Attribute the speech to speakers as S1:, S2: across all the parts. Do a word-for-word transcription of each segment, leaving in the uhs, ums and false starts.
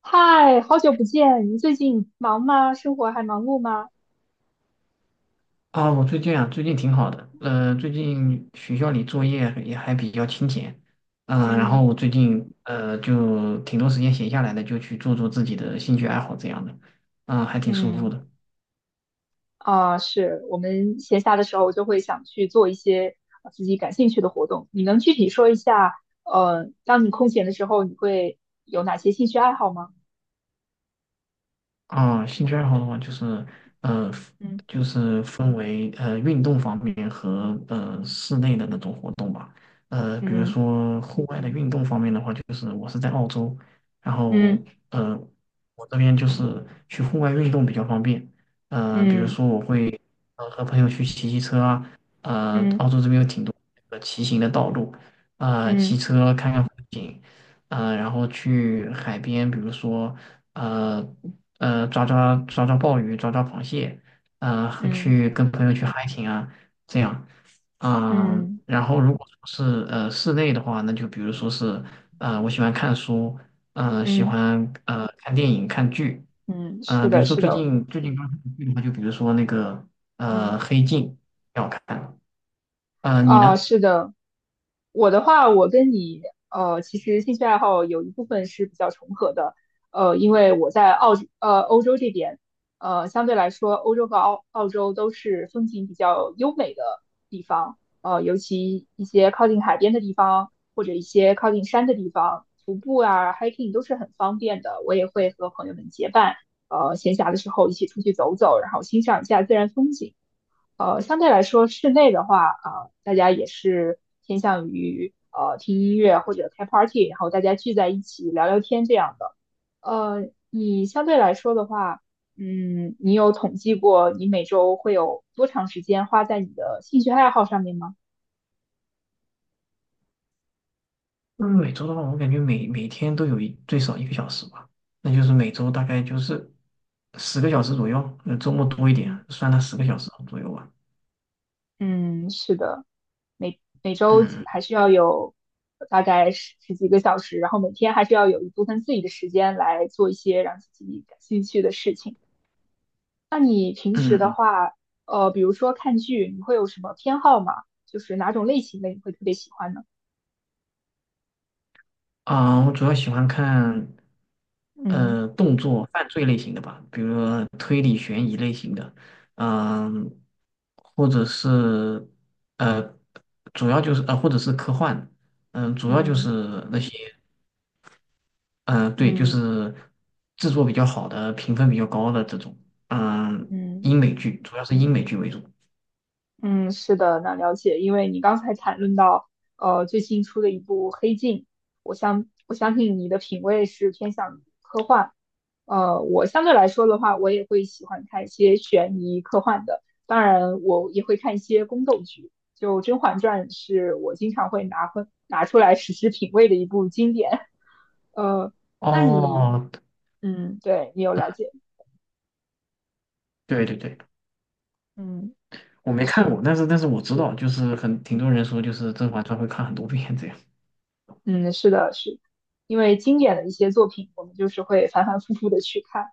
S1: 嗨，好久不见，你最近忙吗？生活还忙碌吗？
S2: 啊，我最近啊，最近挺好的。呃，最近学校里作业也还比较清闲，嗯、然后
S1: 嗯
S2: 我最近呃就挺多时间闲下来的，就去做做自己的兴趣爱好这样的，嗯、还挺舒服
S1: 嗯。
S2: 的。
S1: 啊，是我们闲暇的时候就会想去做一些呃自己感兴趣的活动。你能具体说一下，呃，当你空闲的时候，你会有哪些兴趣爱好吗？
S2: 啊，兴趣爱好的话，就是呃，
S1: 嗯
S2: 就是分为呃运动方面和呃室内的那种活动吧。呃，比如
S1: 嗯
S2: 说户外的运动方面的话，就是我是在澳洲，然后
S1: 嗯
S2: 呃，我这边就是去户外运动比较方便。呃，比如
S1: 嗯
S2: 说我会呃和朋友去骑骑车啊，呃，澳
S1: 嗯
S2: 洲这边有挺多呃骑行的道路，呃，骑
S1: 嗯
S2: 车看看风景，呃，然后去海边，比如说。呃呃抓抓抓抓鲍鱼、抓抓螃蟹，呃和
S1: 嗯嗯
S2: 去跟朋友去 hiking 啊，这样。嗯、
S1: 嗯
S2: 然后如果说是呃室内的话，那就比如说是呃我喜欢看书，呃喜
S1: 嗯
S2: 欢呃看电影、看剧。
S1: 嗯，
S2: 嗯、
S1: 是
S2: 呃比
S1: 的，
S2: 如说
S1: 是
S2: 最
S1: 的。
S2: 近最近刚看的剧的话，就比如说那个呃
S1: 嗯。
S2: 《黑镜》挺好看。呃你
S1: 啊，
S2: 呢？
S1: 是的，我的话，我跟你呃，其实兴趣爱好有一部分是比较重合的，呃，因为我在澳呃欧洲这边，呃，相对来说，欧洲和澳澳洲都是风景比较优美的地方，呃，尤其一些靠近海边的地方，或者一些靠近山的地方，徒步啊、hiking 都是很方便的。我也会和朋友们结伴，呃，闲暇的时候一起出去走走，然后欣赏一下自然风景。呃，相对来说，室内的话，啊、大家也是偏向于呃听音乐或者开 party，然后大家聚在一起聊聊天这样的。呃，你相对来说的话，嗯，你有统计过你每周会有多长时间花在你的兴趣爱好上面吗？
S2: 嗯，每周的话，我感觉每每天都有一最少一个小时吧，那就是每周大概就是十个小时左右，那周末多一点，
S1: 嗯
S2: 算它十个小时左右吧。
S1: 嗯，是的，每每周
S2: 嗯
S1: 还是要有大概十十几个小时，然后每天还是要有一部分自己的时间来做一些让自己感兴趣的事情。那你平时的
S2: 嗯。
S1: 话，呃，比如说看剧，你会有什么偏好吗？就是哪种类型的你会特别喜欢呢？
S2: 啊，我主要喜欢看
S1: 嗯
S2: 呃动作犯罪类型的吧，比如说推理悬疑类型的，嗯、或者是呃主要就是呃或者是科幻，嗯、主要就
S1: 嗯
S2: 是那些。嗯、呃对，就
S1: 嗯
S2: 是制作比较好的、评分比较高的这种，嗯，
S1: 嗯
S2: 英美剧，主要是英美剧为主。
S1: 嗯，是的，那了解。因为你刚才谈论到，呃，最近出的一部《黑镜》，我相我相信你的品味是偏向于呃，我相对来说的话，我也会喜欢看一些悬疑科幻的，当然我也会看一些宫斗剧。就《甄嬛传》是我经常会拿分拿出来实时品味的一部经典。呃，那你，
S2: 哦，
S1: 嗯，对你有了解，
S2: 对对对，
S1: 嗯，
S2: 我没看
S1: 是，
S2: 过，但是但是我知道，就是很挺多人说，就是《甄嬛传》会看很多遍这样。
S1: 嗯，是的，是，因为经典的一些作品，我们就是会反反复复的去看。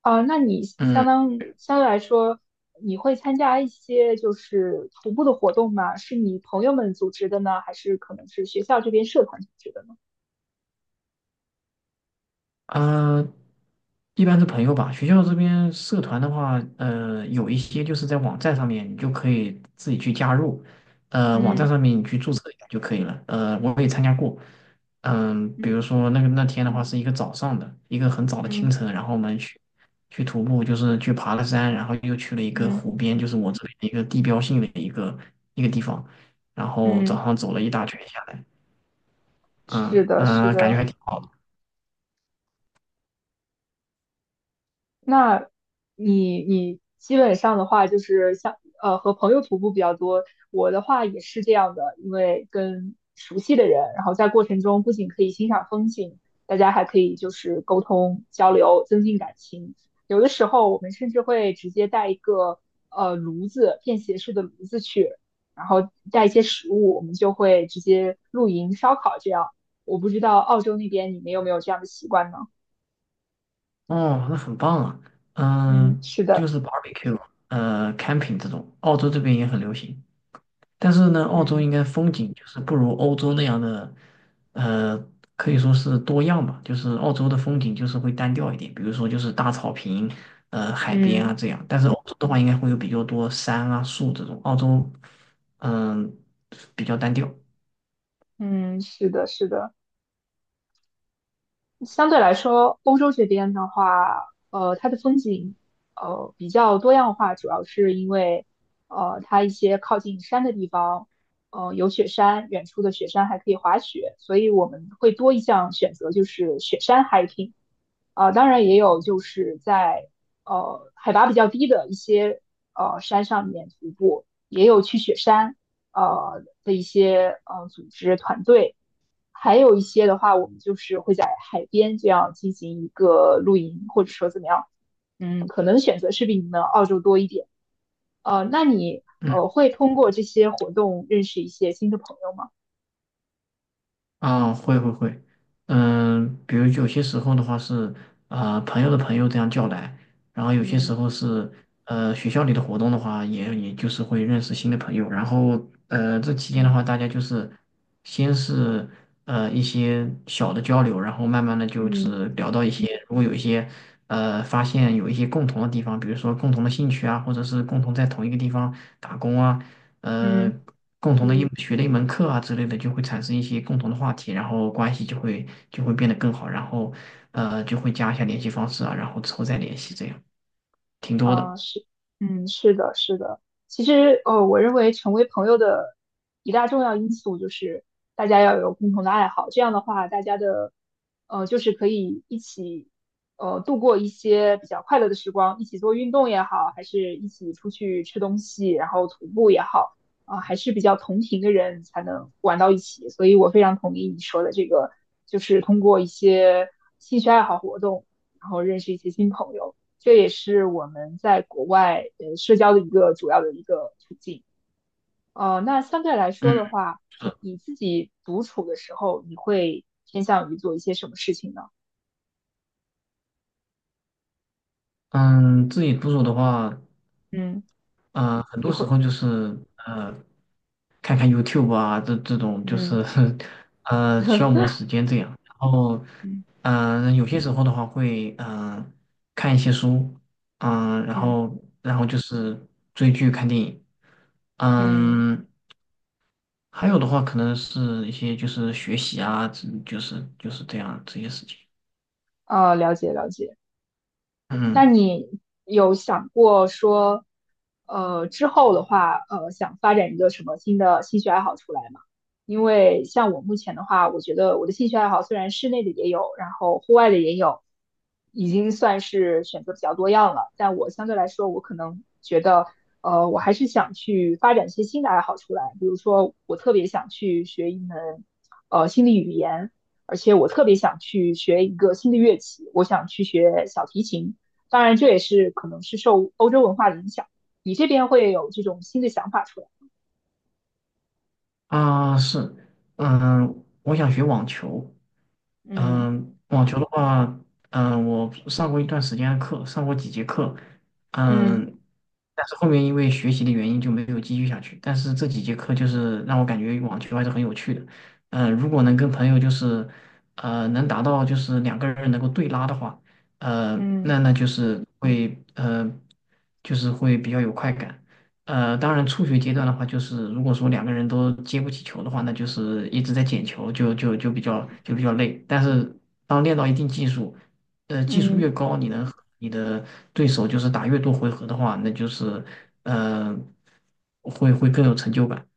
S1: 啊，那你相
S2: 嗯。
S1: 当相对来说，你会参加一些就是徒步的活动吗？是你朋友们组织的呢，还是可能是学校这边社团组织的呢？
S2: 呃，一般是朋友吧。学校这边社团的话，呃，有一些就是在网站上面，你就可以自己去加入。呃，网站
S1: 嗯
S2: 上面你去注册一下就可以了。呃，我也参加过。嗯、比如
S1: 嗯
S2: 说那个那天的话是一个早上的，一个很早的清
S1: 嗯
S2: 晨，然后我们去去徒步，就是去爬了山，然后又去了一个
S1: 嗯
S2: 湖边，就是我这里的一个地标性的一个一个地方。然后
S1: 嗯
S2: 早
S1: 嗯，
S2: 上走了一大圈下来，
S1: 是
S2: 嗯
S1: 的，
S2: 嗯、
S1: 是
S2: 呃感觉
S1: 的。
S2: 还挺好的。
S1: 那你你基本上的话就是像呃和朋友徒步比较多，我的话也是这样的，因为跟熟悉的人，然后在过程中不仅可以欣赏风景，大家还可以就是沟通交流，增进感情。有的时候我们甚至会直接带一个呃炉子，便携式的炉子去，然后带一些食物，我们就会直接露营烧烤这样。我不知道澳洲那边你们有没有这样的习惯呢？
S2: 哦，那很棒啊。
S1: 嗯，
S2: 嗯、
S1: 是
S2: 就
S1: 的，
S2: 是 barbecue,呃，camping 这种，澳洲这边也很流行。但是呢，澳洲
S1: 嗯
S2: 应该风景就是不如欧洲那样的，呃，可以说是多样吧。就是澳洲的风景就是会单调一点，比如说就是大草坪，呃，海边啊
S1: 嗯。
S2: 这样。但是欧洲的话，应该会有比较多山啊、树这种。澳洲，嗯、比较单调。
S1: 嗯，是的，是的。相对来说，欧洲这边的话，呃，它的风景，呃，比较多样化，主要是因为，呃，它一些靠近山的地方，呃，有雪山，远处的雪山还可以滑雪，所以我们会多一项选择，就是雪山 hiking。啊、当然也有就是在呃海拔比较低的一些呃山上面徒步，也有去雪山呃的一些呃组织团队。还有一些的话，我们就是会在海边这样进行一个露营，或者说怎么样，嗯，可能选择是比你们澳洲多一点。呃，那你
S2: 嗯。
S1: 呃会通过这些活动认识一些新的朋友吗？
S2: 啊，会会会，嗯，比如有些时候的话是，呃，朋友的朋友这样叫来，然后有些时
S1: 嗯
S2: 候是，呃，学校里的活动的话，也也就是会认识新的朋友，然后，呃，这期间的
S1: 嗯
S2: 话，大家就是先是呃一些小的交流，然后慢慢的就
S1: 嗯
S2: 是聊到一些，如果有一些呃发现有一些共同的地方，比如说共同的兴趣啊，或者是共同在同一个地方打工啊，呃，
S1: 嗯。
S2: 共同的一嗯学的一门课啊之类的，就会产生一些共同的话题，然后关系就会就会变得更好，然后呃就会加一下联系方式啊，然后之后再联系，这样挺多的。
S1: 啊，是，嗯，是的，是的。其实，呃，我认为成为朋友的一大重要因素就是大家要有共同的爱好，这样的话，大家的，呃，就是可以一起，呃，度过一些比较快乐的时光，一起做运动也好，还是一起出去吃东西，然后徒步也好，啊，还是比较同频的人才能玩到一起。所以我非常同意你说的这个，就是通过一些兴趣爱好活动，然后认识一些新朋友。这也是我们在国外呃社交的一个主要的一个途径。呃，那相对来
S2: 嗯，
S1: 说的话，
S2: 是。
S1: 你自己独处的时候，你会偏向于做一些什么事情呢？
S2: 嗯，自己独处的话，
S1: 嗯
S2: 呃，很
S1: 你
S2: 多
S1: 会，
S2: 时候就是呃，看看 YouTube 啊，这这种就
S1: 嗯
S2: 是 呃消磨 时间这样。然后
S1: 嗯
S2: 嗯、有些时候的话会嗯呃看一些书，嗯、然
S1: 嗯
S2: 后然后就是追剧、看电影。
S1: 嗯，
S2: 嗯，还有的话可能是一些就是学习啊，这就是就是这样这些事情。
S1: 呃，了解了解。那
S2: 嗯。
S1: 你有想过说，呃，之后的话，呃，想发展一个什么新的兴趣爱好出来吗？因为像我目前的话，我觉得我的兴趣爱好虽然室内的也有，然后户外的也有，已经算是选择比较多样了。但我相对来说，我可能觉得，呃，我还是想去发展一些新的爱好出来。比如说，我特别想去学一门，呃，新的语言，而且我特别想去学一个新的乐器，我想去学小提琴。当然，这也是可能是受欧洲文化的影响，你这边会有这种新的想法出来。
S2: 啊、是，嗯、我想学网球。
S1: 嗯
S2: 嗯，网球的话，嗯，我上过一段时间的课，上过几节课。
S1: 嗯
S2: 嗯，但是后面因为学习的原因就没有继续下去。但是这几节课就是让我感觉网球还是很有趣的。嗯，如果能跟朋友就是，呃，能达到就是两个人能够对拉的话，呃，
S1: 嗯
S2: 那那就是会呃，就是会比较有快感。呃，当然，初学阶段的话，就是如果说两个人都接不起球的话，那就是一直在捡球，就就就比较就比较累。但是当练到一定技术，呃，技术越
S1: 嗯
S2: 高，你能和你的对手就是打越多回合的话，那就是呃，会会更有成就感。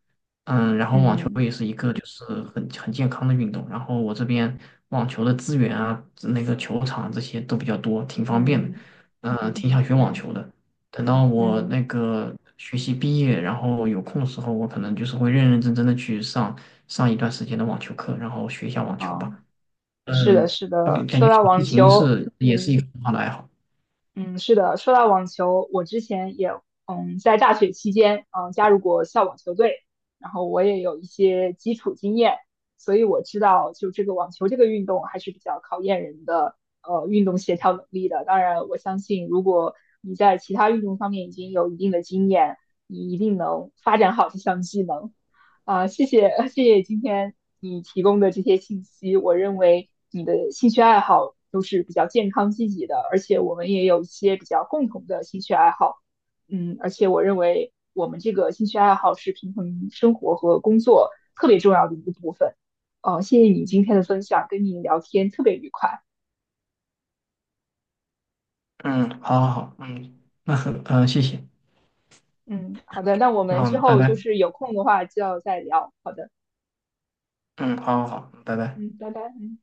S2: 嗯，然后网球
S1: 嗯
S2: 也是一个就是很很健康的运动。然后我这边网球的资源啊，那个球场这些都比较多，挺方便的。
S1: 嗯
S2: 嗯、挺
S1: 嗯
S2: 想学网
S1: 嗯
S2: 球的。等到我
S1: 嗯。
S2: 那个学习毕业，然后有空的时候，我可能就是会认认真真的去上上一段时间的网球课，然后学一下网球
S1: 哦，
S2: 吧。
S1: 是
S2: 嗯，
S1: 的，是
S2: 就感
S1: 的。
S2: 感
S1: 说
S2: 觉
S1: 到
S2: 小提
S1: 网
S2: 琴
S1: 球，
S2: 是也是一嗯个很好的爱好。
S1: 嗯，是的，说到网球，我之前也嗯在大学期间嗯加入过校网球队，然后我也有一些基础经验，所以我知道就这个网球这个运动还是比较考验人的呃运动协调能力的。当然，我相信如果你在其他运动方面已经有一定的经验，你一定能发展好这项技能。啊，谢谢谢谢今天你提供的这些信息，我认为你的兴趣爱好都是比较健康积极的，而且我们也有一些比较共同的兴趣爱好，嗯，而且我认为我们这个兴趣爱好是平衡生活和工作特别重要的一个部分。哦，谢谢你今天的分享，跟你聊天特别愉快。
S2: 嗯，好好好，嗯，那很，嗯、谢谢，
S1: 嗯，好的，那我
S2: 然
S1: 们之
S2: 后拜
S1: 后就
S2: 拜。
S1: 是有空的话就要再聊。好的，
S2: 嗯，好好好，拜拜。
S1: 嗯，拜拜。嗯。